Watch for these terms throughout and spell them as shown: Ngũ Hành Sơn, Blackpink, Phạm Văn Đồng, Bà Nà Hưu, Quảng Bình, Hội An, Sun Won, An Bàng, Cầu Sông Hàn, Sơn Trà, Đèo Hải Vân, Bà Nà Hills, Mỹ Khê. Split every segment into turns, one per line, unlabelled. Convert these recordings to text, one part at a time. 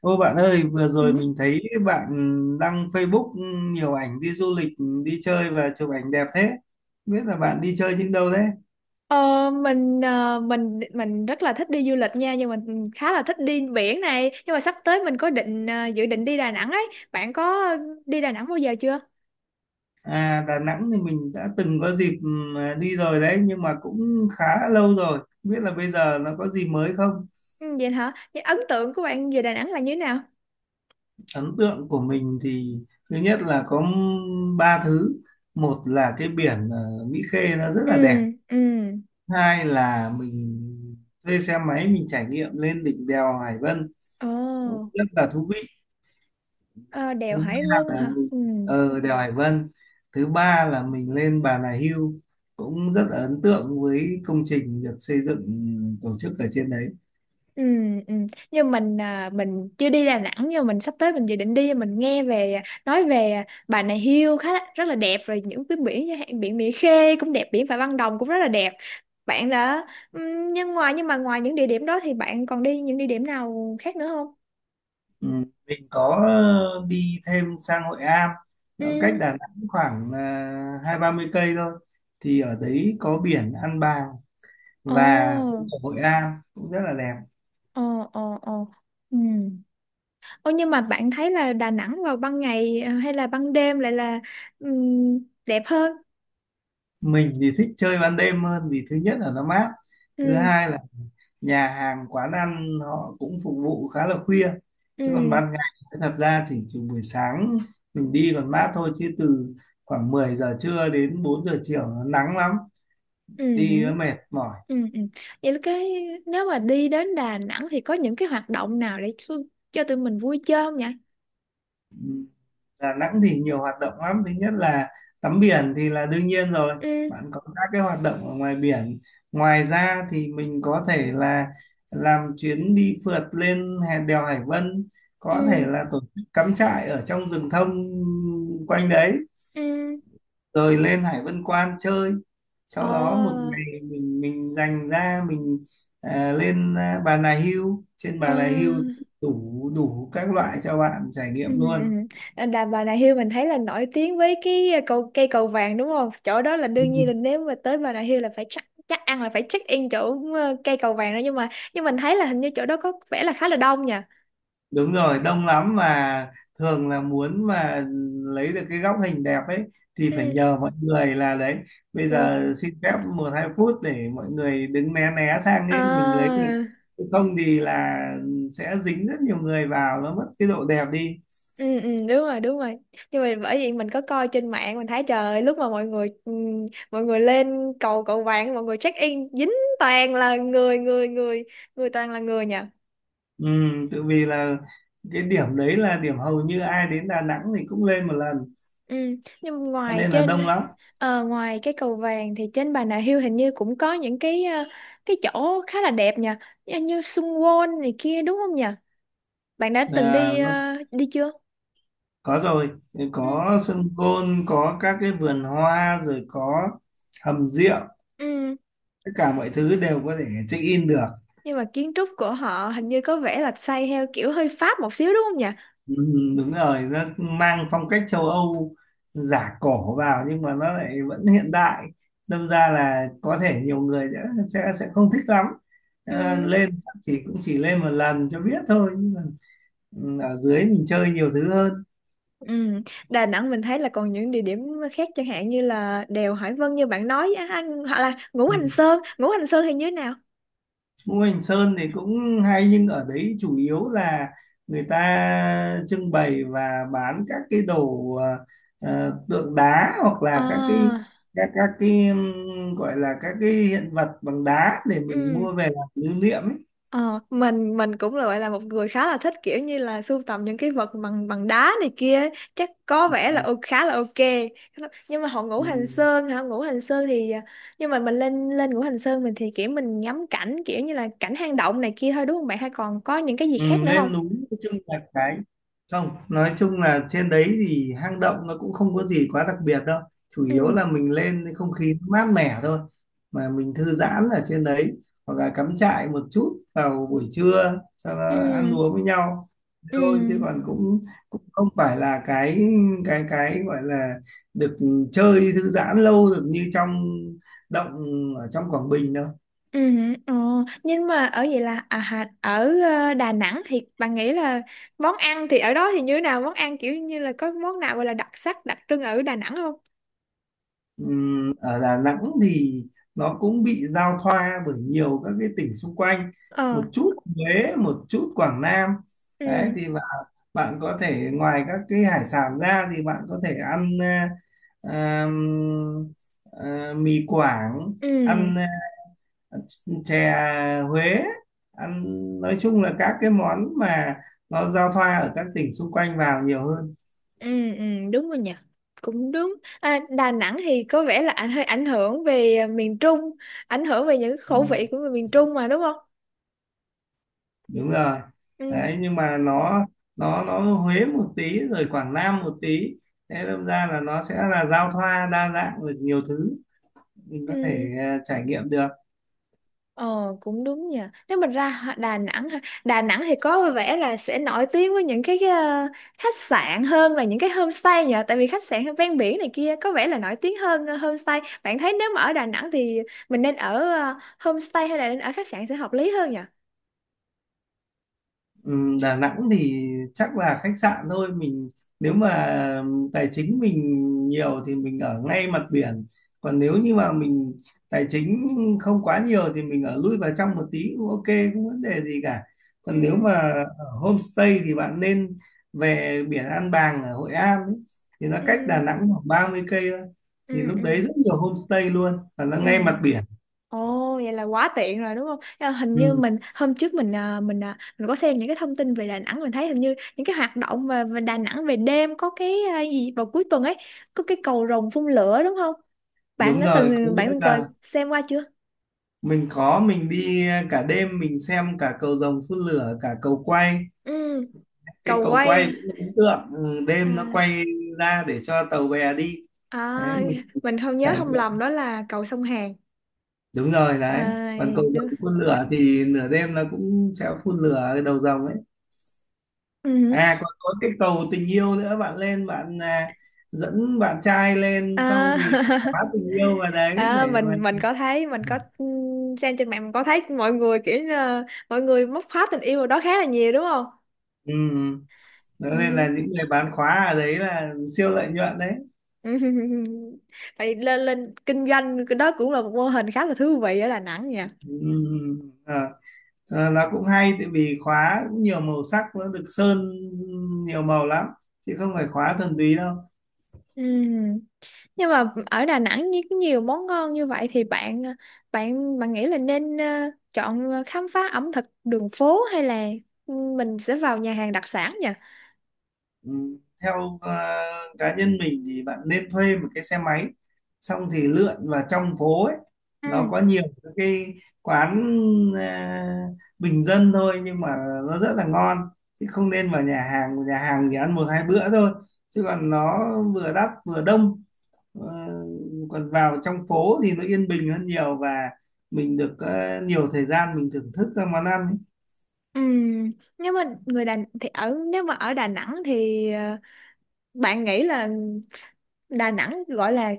Ô bạn ơi, vừa
Ừ.
rồi mình thấy bạn đăng Facebook, nhiều ảnh đi du lịch, đi chơi và chụp ảnh đẹp thế. Không biết là bạn đi chơi những đâu đấy?
Ờ, mình rất là thích đi du lịch nha, nhưng mà mình khá là thích đi biển này. Nhưng mà sắp tới mình có dự định đi Đà Nẵng ấy. Bạn có đi Đà Nẵng bao giờ chưa?
À, Đà Nẵng thì mình đã từng có dịp đi rồi đấy, nhưng mà cũng khá lâu rồi. Không biết là bây giờ nó có gì mới không?
Ừ, vậy hả? Những ấn tượng của bạn về Đà Nẵng là như thế nào?
Ấn tượng của mình thì thứ nhất là có ba thứ. Một là cái biển Mỹ Khê nó rất
Ừ.
là đẹp.
Ừ.
Hai là mình thuê xe máy, mình trải nghiệm lên đỉnh đèo Hải Vân, cũng
Ồ.
rất là thú vị.
ờ, Đèo
thứ
Hải
ba
Vân
là
hả?
mình
Ừ.
ờ đèo Hải Vân Thứ ba là mình lên Bà Nà Hưu, cũng rất là ấn tượng với công trình được xây dựng, tổ chức ở trên đấy.
Ừ, ừ. Nhưng mình chưa đi Đà Nẵng, nhưng mình sắp tới mình dự định đi. Mình nghe nói về Bà Nà Hills rất là đẹp rồi, những cái biển như biển Mỹ Khê cũng đẹp, biển Phạm Văn Đồng cũng rất là đẹp. bạn đã ừ, nhưng ngoài nhưng mà ngoài những địa điểm đó thì bạn còn đi những địa điểm nào khác nữa không?
Ừ. Mình có đi thêm sang Hội Am,
Ừ.
nó cách Đà Nẵng khoảng 20-30 cây thôi. Thì ở đấy có biển An Bàng và
Ồ,
cũng có Hội Am cũng rất là đẹp.
ồ, ồ, ồ. Ừ. Ồ, nhưng mà bạn thấy là Đà Nẵng vào ban ngày hay là ban đêm lại là ừ, đẹp hơn?
Mình thì thích chơi ban đêm hơn, vì thứ nhất là nó mát, thứ
Ừ,
hai là nhà hàng quán ăn họ cũng phục vụ khá là khuya. Chứ còn
ừ,
ban ngày thật ra chỉ trừ buổi sáng mình đi còn mát thôi, chứ từ khoảng 10 giờ trưa đến 4 giờ chiều nó nắng lắm,
ừ.
đi nó mệt mỏi.
Ừ, ừ. Vậy là nếu mà đi đến Đà Nẵng thì có những cái hoạt động nào để cho tụi mình vui chơi không nhỉ?
Ừ, Đà Nẵng thì nhiều hoạt động lắm. Thứ nhất là tắm biển thì là đương nhiên rồi,
Ừ,
bạn có các cái hoạt động ở ngoài biển. Ngoài ra thì mình có thể là làm chuyến đi phượt lên đèo Hải Vân, có thể
ừ,
là tổ chức cắm trại ở trong rừng thông quanh đấy,
ừ.
rồi lên Hải Vân Quan chơi. Sau đó một
Ồ,
ngày mình dành ra mình lên Bà Nà Hưu, trên
ờ,
Bà Nà Hưu đủ đủ các loại cho bạn trải
ừ,
nghiệm
ừ.
luôn.
Ờ, Đà Bà Nà Hills mình thấy là nổi tiếng với cái cây cầu vàng đúng không? Chỗ đó là đương nhiên, là nếu mà tới Bà Nà Hills là phải chắc chắc ăn là phải check in chỗ cây cầu vàng đó. Nhưng mà mình thấy là hình như chỗ đó có vẻ là khá là đông nhỉ?
Đúng rồi, đông lắm mà, thường là muốn mà lấy được cái góc hình đẹp ấy thì phải
Ừ.
nhờ mọi người, là đấy, bây
Vâng.
giờ xin phép 1, 2 phút để mọi người đứng né né sang ấy mình lấy được.
À.
Chứ không thì là sẽ dính rất nhiều người vào, nó mất cái độ đẹp đi.
Ừ, ừ, đúng rồi, đúng rồi. Nhưng mà bởi vì mình có coi trên mạng, mình thấy trời ơi, lúc mà mọi người, mọi người lên cầu cầu vàng, mọi người check in dính toàn là người người người người, toàn là người nhỉ.
Ừ, tự vì là cái điểm đấy là điểm hầu như ai đến Đà Nẵng thì cũng lên một lần,
Ừ. Nhưng mà
cho nên là đông lắm.
ngoài cái cầu vàng thì trên Bà Nà Hills hình như cũng có những cái cái chỗ khá là đẹp nhỉ, như như Sun Won này kia đúng không nhỉ? Bạn đã từng đi
Nó
ờ, đi chưa?
có rồi,
Ừ.
có sân gôn, có các cái vườn hoa, rồi có hầm rượu,
Ừ.
tất cả mọi thứ đều có thể check in được.
Nhưng mà kiến trúc của họ hình như có vẻ là xây theo kiểu hơi Pháp một xíu đúng không nhỉ?
Ừ, đúng rồi, nó mang phong cách châu Âu giả cổ vào nhưng mà nó lại vẫn hiện đại, đâm ra là có thể nhiều người sẽ sẽ không thích lắm.
Ừ.
Lên chắc chỉ cũng chỉ lên một lần cho biết thôi, nhưng mà ừ, ở dưới mình chơi nhiều thứ hơn.
Ừ. Đà Nẵng mình thấy là còn những địa điểm khác, chẳng hạn như là đèo Hải Vân như bạn nói á, á, hoặc là Ngũ Hành
Ừ.
Sơn. Ngũ Hành Sơn thì như thế nào?
Ngũ Hành Sơn thì cũng hay, nhưng ở đấy chủ yếu là người ta trưng bày và bán các cái đồ tượng đá, hoặc là
À,
các cái gọi là các cái hiện vật bằng đá để mình
ừ.
mua về làm lưu niệm ấy.
Mình cũng là gọi là một người khá là thích kiểu như là sưu tầm những cái vật bằng bằng đá này kia ấy. Chắc có vẻ là khá là ok. Nhưng mà Ngũ
Ừ.
Hành Sơn hả? Ngũ Hành Sơn thì nhưng mà mình lên lên Ngũ Hành Sơn, mình thì kiểu mình ngắm cảnh kiểu như là cảnh hang động này kia thôi đúng không bạn, hay còn có những cái gì khác
Ừ,
nữa không?
lên núi, nói chung là cái không, nói chung là trên đấy thì hang động nó cũng không có gì quá đặc biệt đâu. Chủ
Ừ.
yếu là mình lên thì không khí nó mát mẻ thôi, mà mình thư giãn ở trên đấy, hoặc là cắm trại một chút vào buổi trưa cho nó
Ừ.
ăn uống với nhau
Ừ.
thôi. Chứ còn cũng cũng không phải là cái gọi là được chơi thư giãn lâu được như trong động ở trong Quảng Bình đâu.
Ừ, ờ. Nhưng mà ở vậy là à, hà- ở ờ, Đà Nẵng thì bạn nghĩ là món ăn thì ở đó thì như thế nào? Món ăn kiểu như là có món nào gọi là đặc sắc, đặc trưng ở Đà Nẵng không?
Ở Đà Nẵng thì nó cũng bị giao thoa bởi nhiều các cái tỉnh xung quanh,
Ờ,
một chút Huế, một chút Quảng Nam. Đấy
ừ,
thì bạn bạn có thể ngoài các cái hải sản ra thì bạn có thể ăn ừm, mì Quảng,
ừ,
ăn à, chè Huế, ăn nói chung là các cái món mà nó giao thoa ở các tỉnh xung quanh vào nhiều hơn.
ừ, ừ, đúng rồi nhỉ. Cũng đúng. À, Đà Nẵng thì có vẻ là hơi ảnh hưởng về miền Trung, ảnh hưởng về những khẩu vị của người miền Trung mà đúng không?
Đúng rồi
Ừ,
đấy, nhưng mà nó Huế một tí rồi Quảng Nam một tí, thế đâm ra là nó sẽ là giao thoa đa dạng được nhiều thứ, mình có thể
ừ.
trải nghiệm được.
Ờ, cũng đúng nha. Nếu mình ra Đà Nẵng ha, Đà Nẵng thì có vẻ là sẽ nổi tiếng với những cái khách sạn hơn là những cái homestay nhờ, tại vì khách sạn ven biển này kia có vẻ là nổi tiếng hơn homestay. Bạn thấy nếu mà ở Đà Nẵng thì mình nên ở homestay hay là nên ở khách sạn sẽ hợp lý hơn nhỉ?
Đà Nẵng thì chắc là khách sạn thôi. Mình nếu mà tài chính mình nhiều thì mình ở ngay mặt biển, còn nếu như mà mình tài chính không quá nhiều thì mình ở lui vào trong một tí cũng ok, không vấn đề gì cả. Còn nếu
Ừ,
mà ở homestay thì bạn nên về biển An Bàng ở Hội An ấy, thì nó
ừ,
cách Đà Nẵng khoảng 30 cây thôi. Thì
ừ,
lúc
ừ.
đấy rất nhiều homestay luôn và nó
Ừ.
ngay mặt biển.
Ồ, vậy là quá tiện rồi đúng không? À, hình như
Ừ,
mình hôm trước mình có xem những cái thông tin về Đà Nẵng. Mình thấy hình như những cái hoạt động về Đà Nẵng về đêm có cái gì vào cuối tuần ấy, có cái cầu rồng phun lửa đúng không? Bạn
đúng
đã
rồi, có
từng bạn
nghĩa
từng
là
xem qua chưa?
Mình đi cả đêm, mình xem cả cầu rồng phun lửa, cả cầu quay.
Ừ,
Cái
cầu
cầu
quay
quay
hả?
cũng ấn tượng, ừ, đêm nó
À,
quay ra để cho tàu bè đi,
à,
đấy mình
mình không nhớ
trải
không
nghiệm.
lầm đó là cầu sông Hàn.
Đúng rồi
À,
đấy, còn cầu rồng
đúng.
phun lửa thì nửa đêm nó cũng sẽ phun lửa cái đầu rồng ấy.
Ừ.
À còn có cái cầu tình yêu nữa, bạn lên, dẫn bạn trai lên xong
À,
thì khóa tình yêu vào đấy để
À,
mà.
mình có thấy mình có xem trên mạng, mình có thấy mọi người kiểu như là mọi người móc khóa tình yêu ở đó khá là nhiều đúng không?
Ừ. Đó nên là
Ừ.
những người bán khóa ở đấy là siêu lợi nhuận đấy.
Tại lên lên kinh doanh cái đó cũng là một mô hình khá là thú vị ở Đà Nẵng nha.
Ừm, à, là cũng hay tại vì khóa cũng nhiều màu sắc, nó được sơn nhiều màu lắm chứ không phải khóa thuần túy đâu.
Ừ. Nhưng mà ở Đà Nẵng như có nhiều món ngon như vậy thì bạn nghĩ là nên chọn khám phá ẩm thực đường phố hay là mình sẽ vào nhà hàng đặc sản nhỉ?
Ừ, theo cá nhân mình thì bạn nên thuê một cái xe máy, xong thì lượn vào trong phố ấy, nó
Ừ.
có nhiều các cái quán ờ, bình dân thôi nhưng mà nó rất là ngon. Chứ không nên vào nhà hàng, nhà hàng thì ăn 1, 2 bữa thôi chứ còn nó vừa đắt vừa đông. Ờ, còn vào trong phố thì nó yên bình hơn nhiều, và mình được nhiều thời gian mình thưởng thức các món ăn.
Ừ. Nếu mà ở Đà Nẵng thì bạn nghĩ là Đà Nẵng gọi là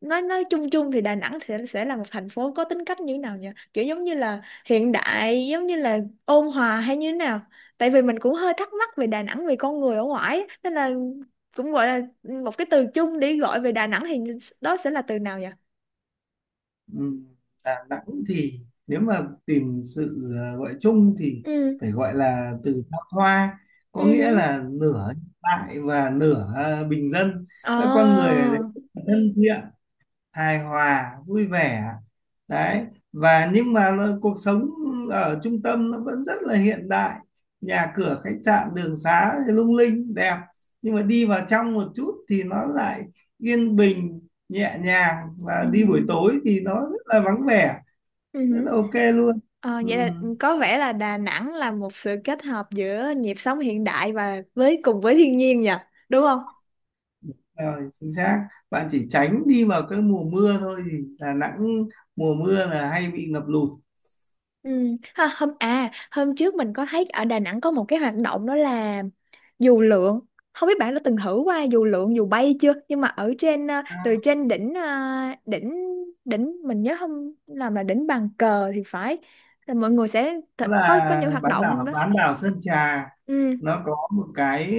nói chung chung thì Đà Nẵng sẽ là một thành phố có tính cách như thế nào nhỉ? Kiểu giống như là hiện đại, giống như là ôn hòa hay như thế nào? Tại vì mình cũng hơi thắc mắc về Đà Nẵng, về con người ở ngoài ấy, nên là cũng gọi là một cái từ chung để gọi về Đà Nẵng thì đó sẽ là từ nào nhỉ?
Ừm, Đà Nẵng thì nếu mà tìm sự gọi chung thì
Ừ.
phải gọi là từ thăng hoa, có
Ừ.
nghĩa
Hứ.
là nửa hiện đại và nửa bình dân. Các con người
Ờ.
ở đấy rất là thân thiện, hài hòa, vui vẻ đấy. Và nhưng mà cuộc sống ở trung tâm nó vẫn rất là hiện đại, nhà cửa khách sạn đường xá thì lung linh đẹp, nhưng mà đi vào trong một chút thì nó lại yên bình, nhẹ nhàng,
Ừ.
và đi buổi tối thì nó rất là vắng vẻ,
Ừ.
rất
Hứ.
là ok luôn. Ừ,
Vậy là có vẻ là Đà Nẵng là một sự kết hợp giữa nhịp sống hiện đại và với cùng với thiên nhiên nhỉ? Đúng không?
rồi, chính xác. Bạn chỉ tránh đi vào cái mùa mưa thôi thì Đà Nẵng mùa mưa là hay bị ngập lụt.
Ừ. Ha, hôm à hôm trước mình có thấy ở Đà Nẵng có một cái hoạt động đó là dù lượn. Không biết bạn đã từng thử qua dù lượn, dù bay chưa, nhưng mà ở từ
À,
trên đỉnh ờ, đỉnh đỉnh mình nhớ không làm là đỉnh bàn cờ thì phải, là mọi người sẽ
đó
có
là
những hoạt động đó.
bán đảo Sơn Trà,
Ừ.
nó có một cái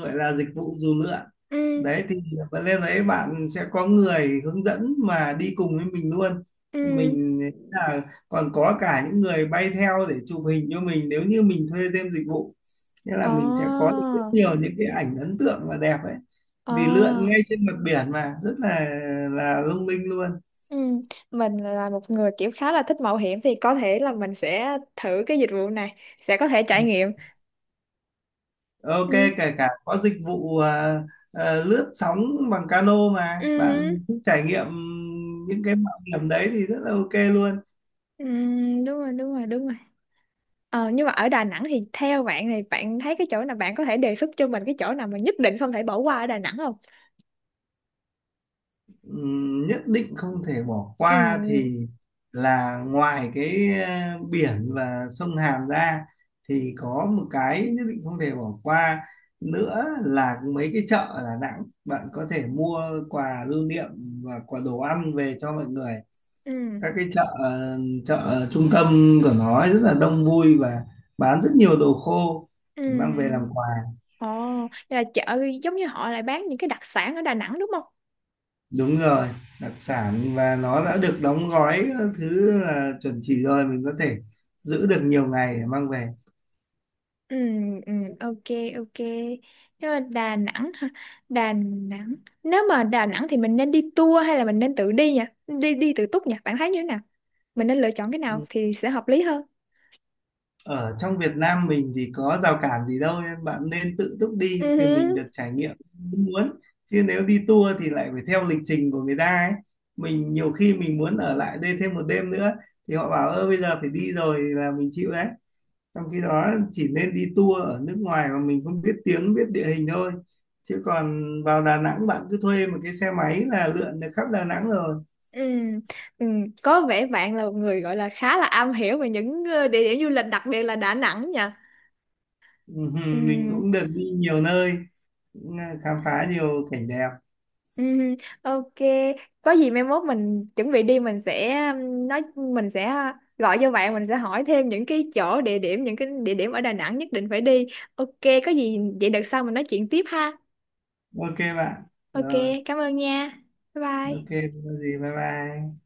gọi là dịch vụ dù lượn.
Ừ.
Đấy thì bạn lên đấy bạn sẽ có người hướng dẫn mà đi cùng với mình luôn.
Ừ.
Mình là Còn có cả những người bay theo để chụp hình cho mình, nếu như mình thuê thêm dịch vụ, nghĩa
Ồ.
là mình sẽ có được rất nhiều những cái ảnh ấn tượng và đẹp ấy. Vì lượn
Ồ.
ngay trên mặt biển mà rất là lung linh luôn.
Ừ. Mình là một người kiểu khá là thích mạo hiểm thì có thể là mình sẽ thử cái dịch vụ này, sẽ có thể trải nghiệm.
Ok,
Ừ.
kể cả có dịch vụ lướt sóng bằng cano mà bạn
Ừ.
thích trải nghiệm những cái mạo hiểm đấy thì rất là ok luôn.
Ừ, đúng rồi, đúng rồi, đúng rồi. Nhưng mà ở Đà Nẵng thì theo bạn này, bạn thấy cái chỗ nào bạn có thể đề xuất cho mình, cái chỗ nào mà nhất định không thể bỏ qua ở Đà Nẵng không?
Nhất định không thể bỏ
Ừ.
qua thì là ngoài cái biển và sông Hàn ra, thì có một cái nhất định không thể bỏ qua nữa là mấy cái chợ ở Đà Nẵng, bạn có thể mua quà lưu niệm và quà đồ ăn về cho mọi người.
Ừ.
Các cái chợ chợ trung tâm của nó ấy rất là đông vui và bán rất nhiều đồ khô
Ừ.
để mang về
Ừ.
làm quà.
Ồ, vậy là chợ giống như họ lại bán những cái đặc sản ở Đà Nẵng đúng không?
Đúng rồi, đặc sản, và nó đã được đóng gói các thứ là chuẩn chỉ rồi, mình có thể giữ được nhiều ngày để mang về.
Ừ. Ừ. Ok, ok. Nhưng mà Đà Nẵng hả? Đà Nẵng Nếu mà Đà Nẵng thì mình nên đi tour hay là mình nên tự đi nhỉ, đi đi tự túc nhỉ? Bạn thấy như thế nào, mình nên lựa chọn cái nào thì sẽ hợp lý hơn?
Ở trong Việt Nam mình thì có rào cản gì đâu, nên bạn nên tự túc đi thì mình được
Ừ.
trải nghiệm như muốn. Chứ nếu đi tour thì lại phải theo lịch trình của người ta ấy, mình nhiều khi mình muốn ở lại đây thêm một đêm nữa thì họ bảo ơ bây giờ phải đi rồi là mình chịu đấy. Trong khi đó chỉ nên đi tour ở nước ngoài mà mình không biết tiếng, biết địa hình thôi. Chứ còn vào Đà Nẵng bạn cứ thuê một cái xe máy là lượn được khắp Đà Nẵng rồi.
Ừ, ừ, có vẻ bạn là một người gọi là khá là am hiểu về những địa điểm du lịch, đặc biệt là Đà Nẵng nha. Ừ,
Mình cũng được đi nhiều nơi, khám phá nhiều cảnh đẹp.
ừ, ok. Có gì mai mốt mình chuẩn bị đi, mình sẽ gọi cho bạn, mình sẽ hỏi thêm những cái địa điểm ở Đà Nẵng nhất định phải đi. Ok, có gì vậy đợt sau mình nói chuyện tiếp ha.
Ok bạn.
Ok,
Rồi.
cảm ơn nha. Bye
Ok,
bye.
không có gì, bye bye.